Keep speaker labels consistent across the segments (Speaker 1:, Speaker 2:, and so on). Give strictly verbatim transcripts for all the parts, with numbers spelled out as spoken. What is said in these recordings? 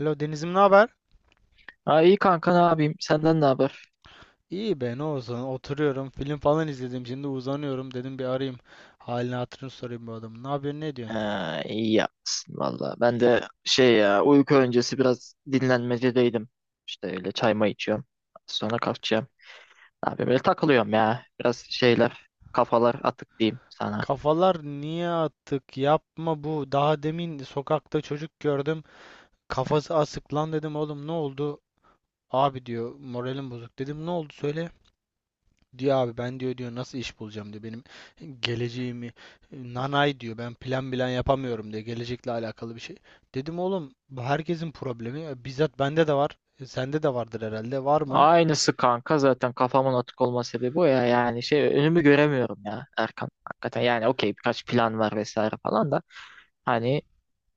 Speaker 1: Alo Deniz'im ne haber?
Speaker 2: Ha iyi kanka ne yapayım? Senden ne haber?
Speaker 1: İyi be ne olsun, oturuyorum, film falan izledim, şimdi uzanıyorum, dedim bir arayayım, halini hatırını sorayım bu adamın. Ne yapıyorsun, ne diyorsun?
Speaker 2: Ha, iyi yapsın valla. Ben de şey ya uyku öncesi biraz dinlenmecedeydim. İşte öyle çay may içiyorum. Sonra kalkacağım. Ne yapayım böyle takılıyorum ya. Biraz şeyler kafalar atık diyeyim sana.
Speaker 1: Kafalar niye attık, yapma. Bu daha demin sokakta çocuk gördüm, kafası asık. Lan dedim oğlum, ne oldu? Abi diyor, moralim bozuk. Dedim ne oldu, söyle. Diyor abi, ben diyor, diyor nasıl iş bulacağım diyor, benim geleceğimi nanay diyor, ben plan bilen yapamıyorum diyor gelecekle alakalı bir şey. Dedim oğlum, bu herkesin problemi. E, bizzat bende de var, E, sende de vardır herhalde, var mı?
Speaker 2: Aynısı kanka zaten kafamın atık olma sebebi o ya. Yani şey önümü göremiyorum ya Erkan. Hakikaten yani okey birkaç plan var vesaire falan da. Hani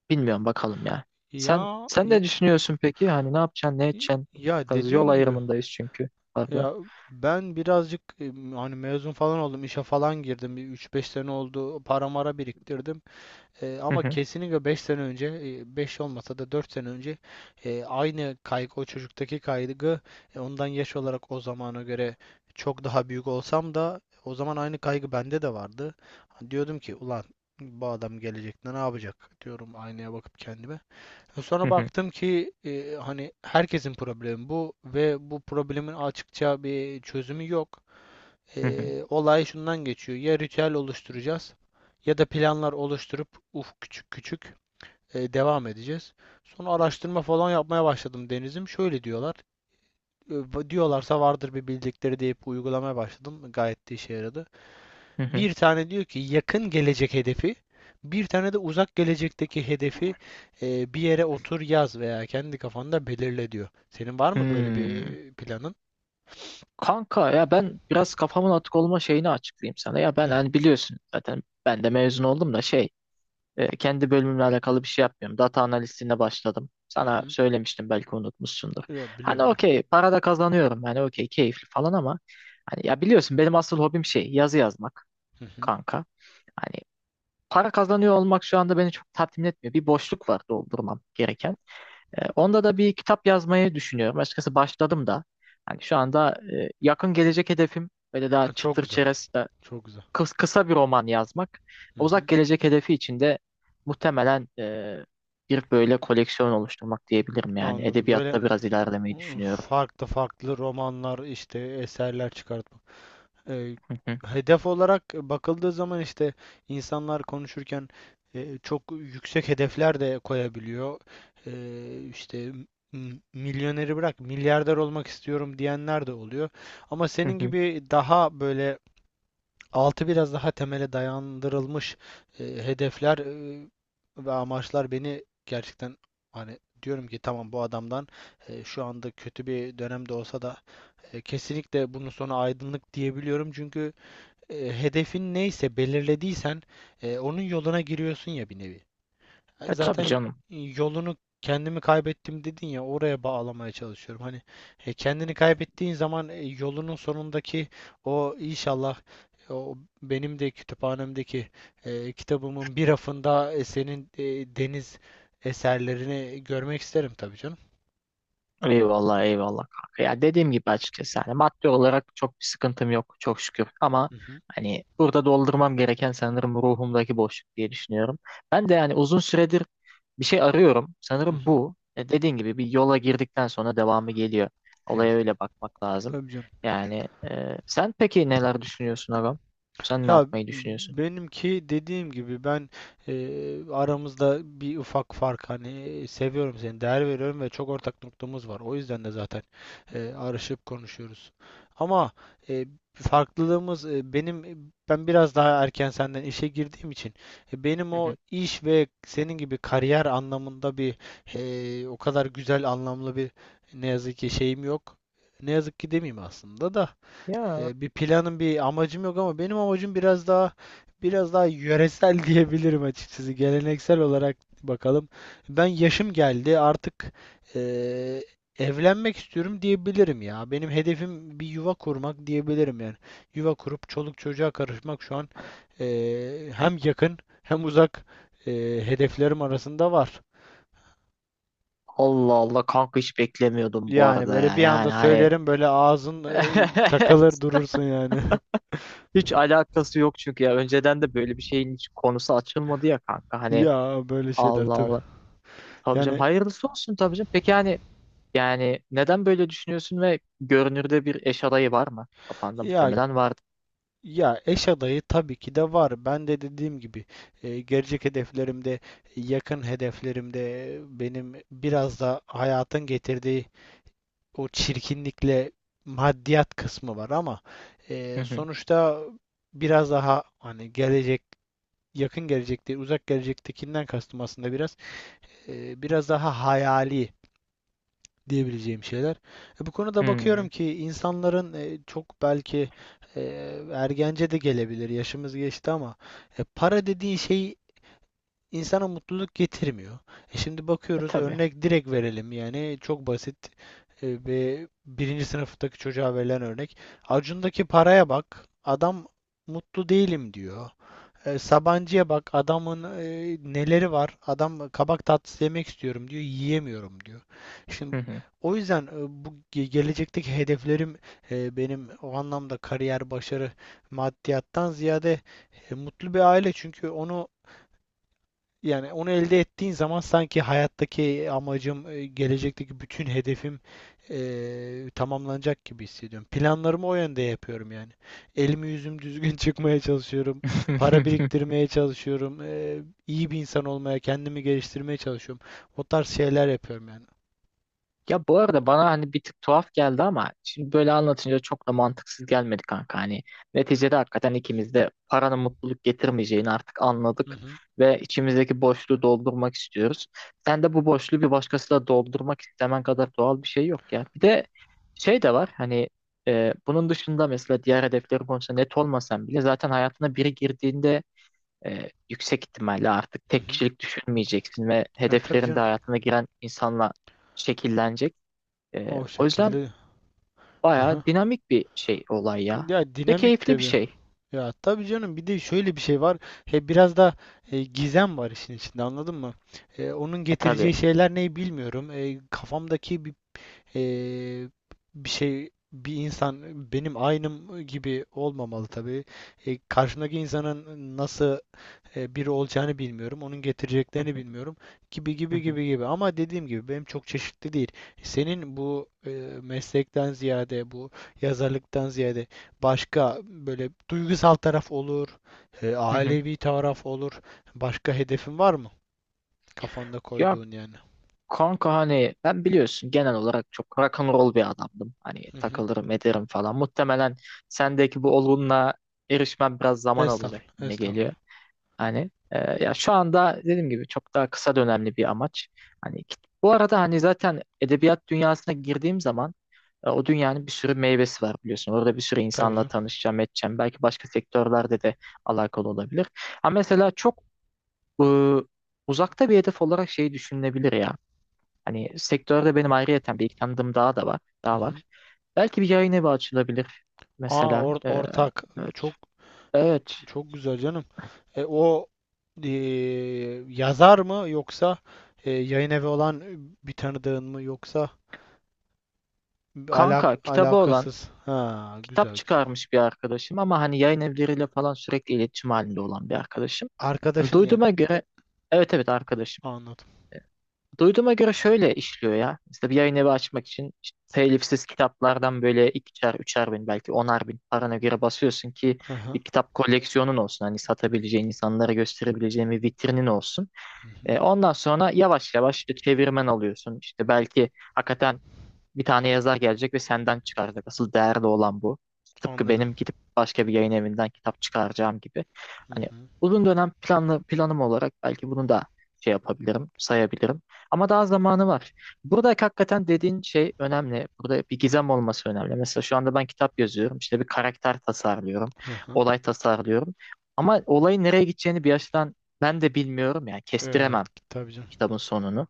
Speaker 2: bilmiyorum bakalım ya. Sen
Speaker 1: Ya
Speaker 2: sen
Speaker 1: ya,
Speaker 2: ne düşünüyorsun peki? Hani ne yapacaksın, ne edeceksin?
Speaker 1: ya
Speaker 2: Biraz yol
Speaker 1: dediğim gibi,
Speaker 2: ayrımındayız çünkü. Pardon.
Speaker 1: ya ben birazcık e, hani mezun falan oldum, işe falan girdim, bir üç beş sene oldu, para mara biriktirdim. E,
Speaker 2: Hı
Speaker 1: ama
Speaker 2: hı,
Speaker 1: kesinlikle beş sene önce, e, beş olmasa da dört sene önce e, aynı kaygı, o çocuktaki kaygı, e, ondan yaş olarak o zamana göre çok daha büyük olsam da o zaman aynı kaygı bende de vardı. Hani diyordum ki ulan bu adam gelecekte ne yapacak, diyorum aynaya bakıp kendime. E,
Speaker 2: hı
Speaker 1: Sonra
Speaker 2: hı,
Speaker 1: baktım ki e, hani herkesin problemi bu ve bu problemin açıkça bir çözümü yok.
Speaker 2: hı hı,
Speaker 1: Ee, olay şundan geçiyor. Ya ritüel oluşturacağız, ya da planlar oluşturup uf, küçük küçük e, devam edeceğiz. Sonra araştırma falan yapmaya başladım Deniz'im. Şöyle diyorlar. e, Diyorlarsa vardır bir bildikleri deyip uygulamaya başladım. Gayet de işe yaradı.
Speaker 2: hı hı.
Speaker 1: Bir tane diyor ki yakın gelecek hedefi, bir tane de uzak gelecekteki hedefi e, bir yere otur yaz veya kendi kafanda belirle diyor. Senin var mı böyle
Speaker 2: Hmm.
Speaker 1: bir planın?
Speaker 2: Kanka ya ben biraz kafamın atık olma şeyini açıklayayım sana. Ya
Speaker 1: Hı
Speaker 2: ben
Speaker 1: hı.
Speaker 2: hani biliyorsun zaten ben de mezun oldum da şey e, kendi bölümümle alakalı bir şey yapmıyorum. Data analistliğine başladım. Sana söylemiştim belki unutmuşsundur.
Speaker 1: Yok, biliyorum,
Speaker 2: Hani
Speaker 1: biliyorum.
Speaker 2: okey para da kazanıyorum hani okey keyifli falan ama hani ya biliyorsun benim asıl hobim şey yazı yazmak
Speaker 1: Hı hı.
Speaker 2: kanka. Hani para kazanıyor olmak şu anda beni çok tatmin etmiyor. Bir boşluk var doldurmam gereken. E, onda da bir kitap yazmayı düşünüyorum. Açıkçası başladım da. Hani şu anda e, yakın gelecek hedefim böyle daha
Speaker 1: Çok
Speaker 2: çıtır
Speaker 1: güzel.
Speaker 2: çerez de
Speaker 1: Çok güzel.
Speaker 2: kıs- kısa bir roman yazmak.
Speaker 1: Hı hı.
Speaker 2: Uzak gelecek hedefi için de muhtemelen e, bir böyle koleksiyon oluşturmak diyebilirim yani.
Speaker 1: Anladım. Böyle,
Speaker 2: Edebiyatta biraz ilerlemeyi
Speaker 1: ıı,
Speaker 2: düşünüyorum.
Speaker 1: farklı farklı romanlar, işte eserler çıkartmak. Ee,
Speaker 2: Hı hı,
Speaker 1: Hedef olarak bakıldığı zaman, işte insanlar konuşurken e, çok yüksek hedefler de koyabiliyor. Ee, işte m- milyoneri bırak, milyarder olmak istiyorum diyenler de oluyor. Ama
Speaker 2: hı
Speaker 1: senin
Speaker 2: hı.
Speaker 1: gibi daha böyle altı biraz daha temele dayandırılmış e, hedefler e, ve amaçlar beni gerçekten, hani diyorum ki tamam, bu adamdan e, şu anda kötü bir dönemde olsa da e, kesinlikle bunun sonu aydınlık diyebiliyorum. Çünkü e, hedefin neyse, belirlediysen e, onun yoluna giriyorsun ya bir nevi. E,
Speaker 2: E, tabii
Speaker 1: Zaten e,
Speaker 2: canım.
Speaker 1: yolunu, kendimi kaybettim dedin ya, oraya bağlamaya çalışıyorum. Hani e, kendini kaybettiğin zaman e, yolunun sonundaki o, inşallah, e, o benim de kütüphanemdeki e, kitabımın bir rafında e, senin e, deniz eserlerini görmek isterim tabii canım.
Speaker 2: Eyvallah eyvallah kanka. Ya dediğim gibi açıkçası hani maddi olarak çok bir sıkıntım yok çok şükür ama
Speaker 1: Hı hı.
Speaker 2: hani burada doldurmam gereken sanırım ruhumdaki boşluk diye düşünüyorum. Ben de yani uzun süredir bir şey arıyorum.
Speaker 1: Hı
Speaker 2: Sanırım
Speaker 1: hı.
Speaker 2: bu. E, dediğin gibi bir yola girdikten sonra devamı geliyor.
Speaker 1: Ya
Speaker 2: Olaya
Speaker 1: t-
Speaker 2: öyle bakmak lazım.
Speaker 1: tabii canım.
Speaker 2: Yani e, sen peki neler düşünüyorsun Agam? Sen ne
Speaker 1: Ya
Speaker 2: yapmayı düşünüyorsun?
Speaker 1: benimki, dediğim gibi, ben e, aramızda bir ufak fark, hani seviyorum seni, değer veriyorum ve çok ortak noktamız var. O yüzden de zaten e, arışıp konuşuyoruz. Ama e, farklılığımız e, benim ben biraz daha erken senden işe girdiğim için e, benim
Speaker 2: Hı
Speaker 1: o
Speaker 2: hı.
Speaker 1: iş ve senin gibi kariyer anlamında bir e, o kadar güzel, anlamlı bir, ne yazık ki şeyim yok. Ne yazık ki demeyeyim aslında da.
Speaker 2: Ya
Speaker 1: E, bir planım, bir amacım yok, ama benim amacım biraz daha biraz daha yöresel diyebilirim açıkçası. Geleneksel olarak bakalım. Ben yaşım geldi artık, e, evlenmek istiyorum diyebilirim ya. Benim hedefim bir yuva kurmak diyebilirim yani. Yuva kurup çoluk çocuğa karışmak şu an e, hem yakın, hem uzak e, hedeflerim arasında var.
Speaker 2: Allah Allah kanka hiç beklemiyordum bu
Speaker 1: Yani
Speaker 2: arada
Speaker 1: böyle
Speaker 2: ya.
Speaker 1: bir anda
Speaker 2: Yani hani
Speaker 1: söylerim, böyle ağzın e, takılır durursun yani.
Speaker 2: Hiç alakası yok çünkü ya önceden de böyle bir şeyin hiç konusu açılmadı ya kanka hani
Speaker 1: Ya, böyle şeyler
Speaker 2: Allah
Speaker 1: tabii.
Speaker 2: Allah. Tabii canım
Speaker 1: Yani,
Speaker 2: hayırlısı olsun tabii canım. Peki yani yani neden böyle düşünüyorsun ve görünürde bir eş adayı var mı? Kafanda
Speaker 1: Ya
Speaker 2: muhtemelen vardı.
Speaker 1: ya eş adayı tabii ki de var. Ben de dediğim gibi e, gelecek hedeflerimde, yakın hedeflerimde e, benim biraz da hayatın getirdiği o çirkinlikle maddiyat kısmı var, ama e,
Speaker 2: Hı hı.
Speaker 1: sonuçta biraz daha hani gelecek, yakın gelecekte, uzak gelecektekinden kastım aslında biraz e, biraz daha hayali diyebileceğim şeyler. E, bu konuda
Speaker 2: Hmm.
Speaker 1: bakıyorum ki insanların e, çok, belki e, ergence de gelebilir. Yaşımız geçti, ama e, para dediğin şey insana mutluluk getirmiyor. E, şimdi
Speaker 2: E,
Speaker 1: bakıyoruz,
Speaker 2: tabii.
Speaker 1: örnek direkt verelim yani, çok basit e, ve birinci sınıftaki çocuğa verilen örnek. Acun'daki paraya bak. Adam mutlu değilim diyor. E, Sabancı'ya bak, adamın e, neleri var. Adam kabak tatlısı yemek istiyorum diyor, yiyemiyorum diyor. Şimdi,
Speaker 2: Hı hı.
Speaker 1: o yüzden e, bu ge- gelecekteki hedeflerim e, benim o anlamda kariyer, başarı, maddiyattan ziyade e, mutlu bir aile. Çünkü onu, yani onu elde ettiğin zaman sanki hayattaki amacım, e, gelecekteki bütün hedefim e, tamamlanacak gibi hissediyorum. Planlarımı o yönde yapıyorum yani. Elimi yüzüm düzgün çıkmaya çalışıyorum. Para biriktirmeye çalışıyorum. E, iyi bir insan olmaya, kendimi geliştirmeye çalışıyorum. O tarz şeyler yapıyorum yani.
Speaker 2: Ya bu arada bana hani bir tık tuhaf geldi ama şimdi böyle anlatınca çok da mantıksız gelmedi kanka. Hani neticede hakikaten ikimiz de paranın mutluluk getirmeyeceğini artık
Speaker 1: Hı
Speaker 2: anladık
Speaker 1: hı.
Speaker 2: ve içimizdeki boşluğu doldurmak istiyoruz. Sen de bu boşluğu bir doğaldırmak doldurmak istemen kadar doğal bir şey yok ya. Bir de şey de var hani e, bunun dışında mesela diğer hedefleri konusunda net olmasan bile zaten hayatına biri girdiğinde e, yüksek ihtimalle artık
Speaker 1: Hı
Speaker 2: tek
Speaker 1: hı.
Speaker 2: kişilik düşünmeyeceksin ve
Speaker 1: E, tabii
Speaker 2: hedeflerin de
Speaker 1: canım.
Speaker 2: hayatına giren insanla şekillenecek. Ee,
Speaker 1: O
Speaker 2: o yüzden
Speaker 1: şekilde. Hı hı.
Speaker 2: bayağı dinamik bir şey olay ya.
Speaker 1: Ya,
Speaker 2: Ve
Speaker 1: dinamik
Speaker 2: keyifli bir
Speaker 1: tabii.
Speaker 2: şey.
Speaker 1: Ya tabii canım, bir de şöyle bir şey var. He, biraz da e, gizem var işin içinde, anladın mı? E, onun
Speaker 2: E
Speaker 1: getireceği
Speaker 2: tabii.
Speaker 1: şeyler ne, bilmiyorum. E, kafamdaki bir, e, bir şey, bir insan benim aynım gibi olmamalı tabii. E, karşımdaki insanın nasıl e, biri olacağını bilmiyorum. Onun
Speaker 2: Hı
Speaker 1: getireceklerini
Speaker 2: hı,
Speaker 1: bilmiyorum. Gibi
Speaker 2: hı
Speaker 1: gibi
Speaker 2: hı,
Speaker 1: gibi gibi. Ama dediğim gibi, benim çok çeşitli değil. Senin bu e, meslekten ziyade, bu yazarlıktan ziyade başka, böyle duygusal taraf olur, e,
Speaker 2: hı hı.
Speaker 1: ailevi taraf olur. Başka hedefin var mı? Kafanda
Speaker 2: Ya
Speaker 1: koyduğun yani.
Speaker 2: kanka hani ben biliyorsun genel olarak çok rock and roll bir adamdım. Hani
Speaker 1: Hı hı.
Speaker 2: takılırım ederim falan. Muhtemelen sendeki bu olgunluğa erişmem biraz zaman alacak
Speaker 1: Estağfurullah,
Speaker 2: gibi geliyor.
Speaker 1: estağfurullah.
Speaker 2: Hani e, ya şu anda dediğim gibi çok daha kısa dönemli bir amaç. Hani bu arada hani zaten edebiyat dünyasına girdiğim zaman, E, o dünyanın bir sürü meyvesi var biliyorsun. Orada bir sürü
Speaker 1: Tabii
Speaker 2: insanla
Speaker 1: canım.
Speaker 2: tanışacağım, edeceğim. Belki başka sektörlerde de alakalı olabilir. Ama mesela çok e, uzakta bir hedef olarak şey düşünülebilir ya. Hani sektörde benim ayrıyeten bir ilk tanıdığım daha da var,
Speaker 1: Hı
Speaker 2: daha
Speaker 1: hı.
Speaker 2: var. Belki bir yayın evi açılabilir
Speaker 1: Aa,
Speaker 2: mesela.
Speaker 1: or-
Speaker 2: E,
Speaker 1: ortak,
Speaker 2: evet.
Speaker 1: çok
Speaker 2: Evet.
Speaker 1: çok güzel canım. E, o e, yazar mı, yoksa e, yayın evi olan bir tanıdığın mı, yoksa alak
Speaker 2: Kanka kitabı olan,
Speaker 1: alakasız. Ha,
Speaker 2: kitap
Speaker 1: güzel güzel.
Speaker 2: çıkarmış bir arkadaşım ama hani yayın evleriyle falan sürekli iletişim halinde olan bir arkadaşım. Hani
Speaker 1: Arkadaşın, yani
Speaker 2: duyduğuma göre evet evet arkadaşım.
Speaker 1: anladım.
Speaker 2: Duyduğuma göre şöyle işliyor ya. İşte bir yayın evi açmak için işte telifsiz kitaplardan böyle ikişer, üçer bin belki onar bin parana göre basıyorsun ki
Speaker 1: Hı hı.
Speaker 2: bir kitap koleksiyonun olsun. Hani satabileceğin, insanlara gösterebileceğin bir vitrinin olsun.
Speaker 1: Hı hı.
Speaker 2: E, ondan sonra yavaş yavaş işte çevirmen alıyorsun. İşte belki hakikaten bir tane yazar gelecek ve senden çıkaracak. Asıl değerli olan bu. Tıpkı
Speaker 1: Anladım.
Speaker 2: benim gidip başka bir yayın evinden kitap çıkaracağım gibi.
Speaker 1: Hı
Speaker 2: Hani
Speaker 1: hı.
Speaker 2: uzun dönem planlı planım olarak belki bunu da şey yapabilirim, sayabilirim. Ama daha zamanı var. Burada hakikaten dediğin şey önemli. Burada bir gizem olması önemli. Mesela şu anda ben kitap yazıyorum. İşte bir karakter tasarlıyorum.
Speaker 1: Hı hı.
Speaker 2: Olay tasarlıyorum. Ama olayın nereye gideceğini bir açıdan ben de bilmiyorum. Yani
Speaker 1: Evet,
Speaker 2: kestiremem
Speaker 1: tabii canım.
Speaker 2: kitabın sonunu.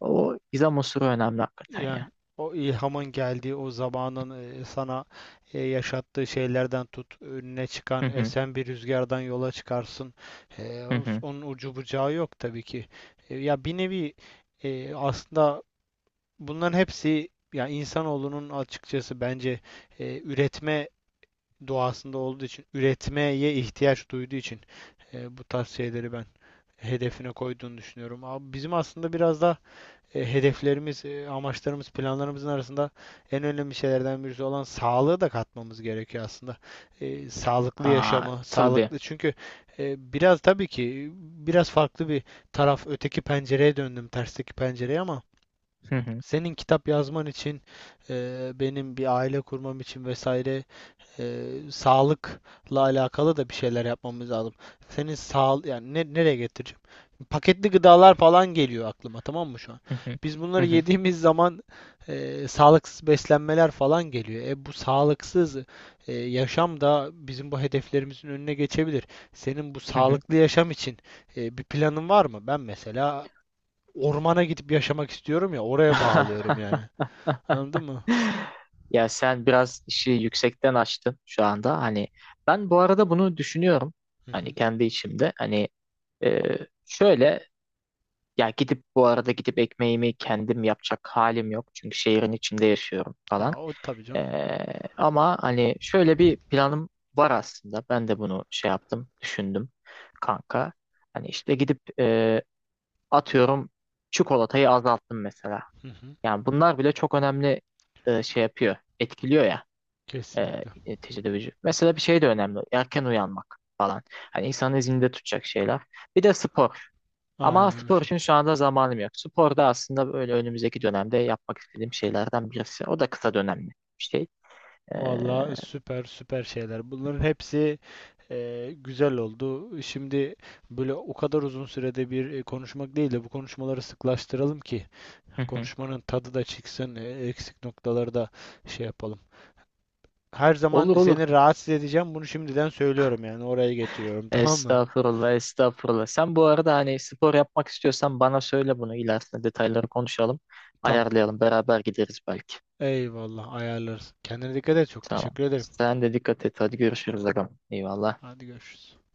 Speaker 2: O gizem unsuru önemli hakikaten ya.
Speaker 1: Yani, o ilhamın geldiği o zamanın e, sana e, yaşattığı şeylerden tut, önüne
Speaker 2: Hı
Speaker 1: çıkan
Speaker 2: hı.
Speaker 1: esen bir rüzgardan yola çıkarsın. E,
Speaker 2: Hı hı.
Speaker 1: Onun ucu bucağı yok tabii ki. E, ya bir nevi e, aslında bunların hepsi, ya insanoğlunun açıkçası bence e, üretme doğasında olduğu için, üretmeye ihtiyaç duyduğu için e, bu tarz şeyleri ben hedefine koyduğunu düşünüyorum. Abi bizim aslında biraz da e, hedeflerimiz, e, amaçlarımız, planlarımızın arasında en önemli şeylerden birisi olan sağlığı da katmamız gerekiyor aslında. E, sağlıklı
Speaker 2: Aa,
Speaker 1: yaşamı, sağlıklı
Speaker 2: tabii.
Speaker 1: çünkü e, biraz, tabii ki biraz farklı bir taraf, öteki pencereye döndüm, tersteki pencereye, ama
Speaker 2: Hı hı,
Speaker 1: senin kitap yazman için, e, benim bir aile kurmam için, vesaire e, sağlıkla alakalı da bir şeyler yapmamız lazım. Senin sağ yani ne, nereye getireceğim? Paketli gıdalar falan geliyor aklıma, tamam mı şu an?
Speaker 2: hı hı,
Speaker 1: Biz
Speaker 2: hı
Speaker 1: bunları
Speaker 2: hı,
Speaker 1: yediğimiz zaman e, sağlıksız beslenmeler falan geliyor. E bu sağlıksız e, yaşam da bizim bu hedeflerimizin önüne geçebilir. Senin bu
Speaker 2: hı hı.
Speaker 1: sağlıklı yaşam için e, bir planın var mı? Ben mesela ormana gidip yaşamak istiyorum, ya oraya bağlıyorum yani. Anladın mı?
Speaker 2: Ya sen biraz işi yüksekten açtın şu anda. Hani ben bu arada bunu düşünüyorum.
Speaker 1: Hı
Speaker 2: Hani
Speaker 1: hı.
Speaker 2: kendi içimde. Hani e, şöyle ya gidip bu arada gidip ekmeğimi kendim yapacak halim yok. Çünkü şehrin içinde yaşıyorum falan.
Speaker 1: Ya, o tabii canım.
Speaker 2: Ee, ama hani şöyle bir planım var aslında. Ben de bunu şey yaptım, düşündüm kanka. Hani işte gidip e, atıyorum çikolatayı azalttım mesela.
Speaker 1: Hı hı.
Speaker 2: Yani bunlar bile çok önemli e, şey yapıyor. Etkiliyor ya e,
Speaker 1: Kesinlikle.
Speaker 2: neticede vücut. Mesela bir şey de önemli. Erken uyanmak falan. Hani insanı zinde tutacak şeyler. Bir de spor. Ama
Speaker 1: Aynen o
Speaker 2: spor için
Speaker 1: şekilde.
Speaker 2: şu anda zamanım yok. Spor da aslında böyle önümüzdeki dönemde yapmak istediğim şeylerden birisi. O da kısa dönemli bir şey. E,
Speaker 1: Valla, süper süper şeyler. Bunların hepsi e, güzel oldu. Şimdi böyle o kadar uzun sürede bir e, konuşmak değil de, bu konuşmaları sıklaştıralım ki
Speaker 2: hı hı.
Speaker 1: konuşmanın tadı da çıksın, e, eksik noktaları da şey yapalım. Her zaman
Speaker 2: Olur olur.
Speaker 1: seni rahatsız edeceğim. Bunu şimdiden söylüyorum, yani oraya getiriyorum tamam mı?
Speaker 2: Estağfurullah, estağfurullah. Sen bu arada hani spor yapmak istiyorsan bana söyle bunu. İlerisinde detayları konuşalım.
Speaker 1: Tamam.
Speaker 2: Ayarlayalım. Beraber gideriz belki.
Speaker 1: Eyvallah, ayarlarız. Kendine dikkat et. Çok
Speaker 2: Tamam.
Speaker 1: teşekkür ederim.
Speaker 2: Sen de dikkat et. Hadi görüşürüz agam. Eyvallah.
Speaker 1: Hadi görüşürüz.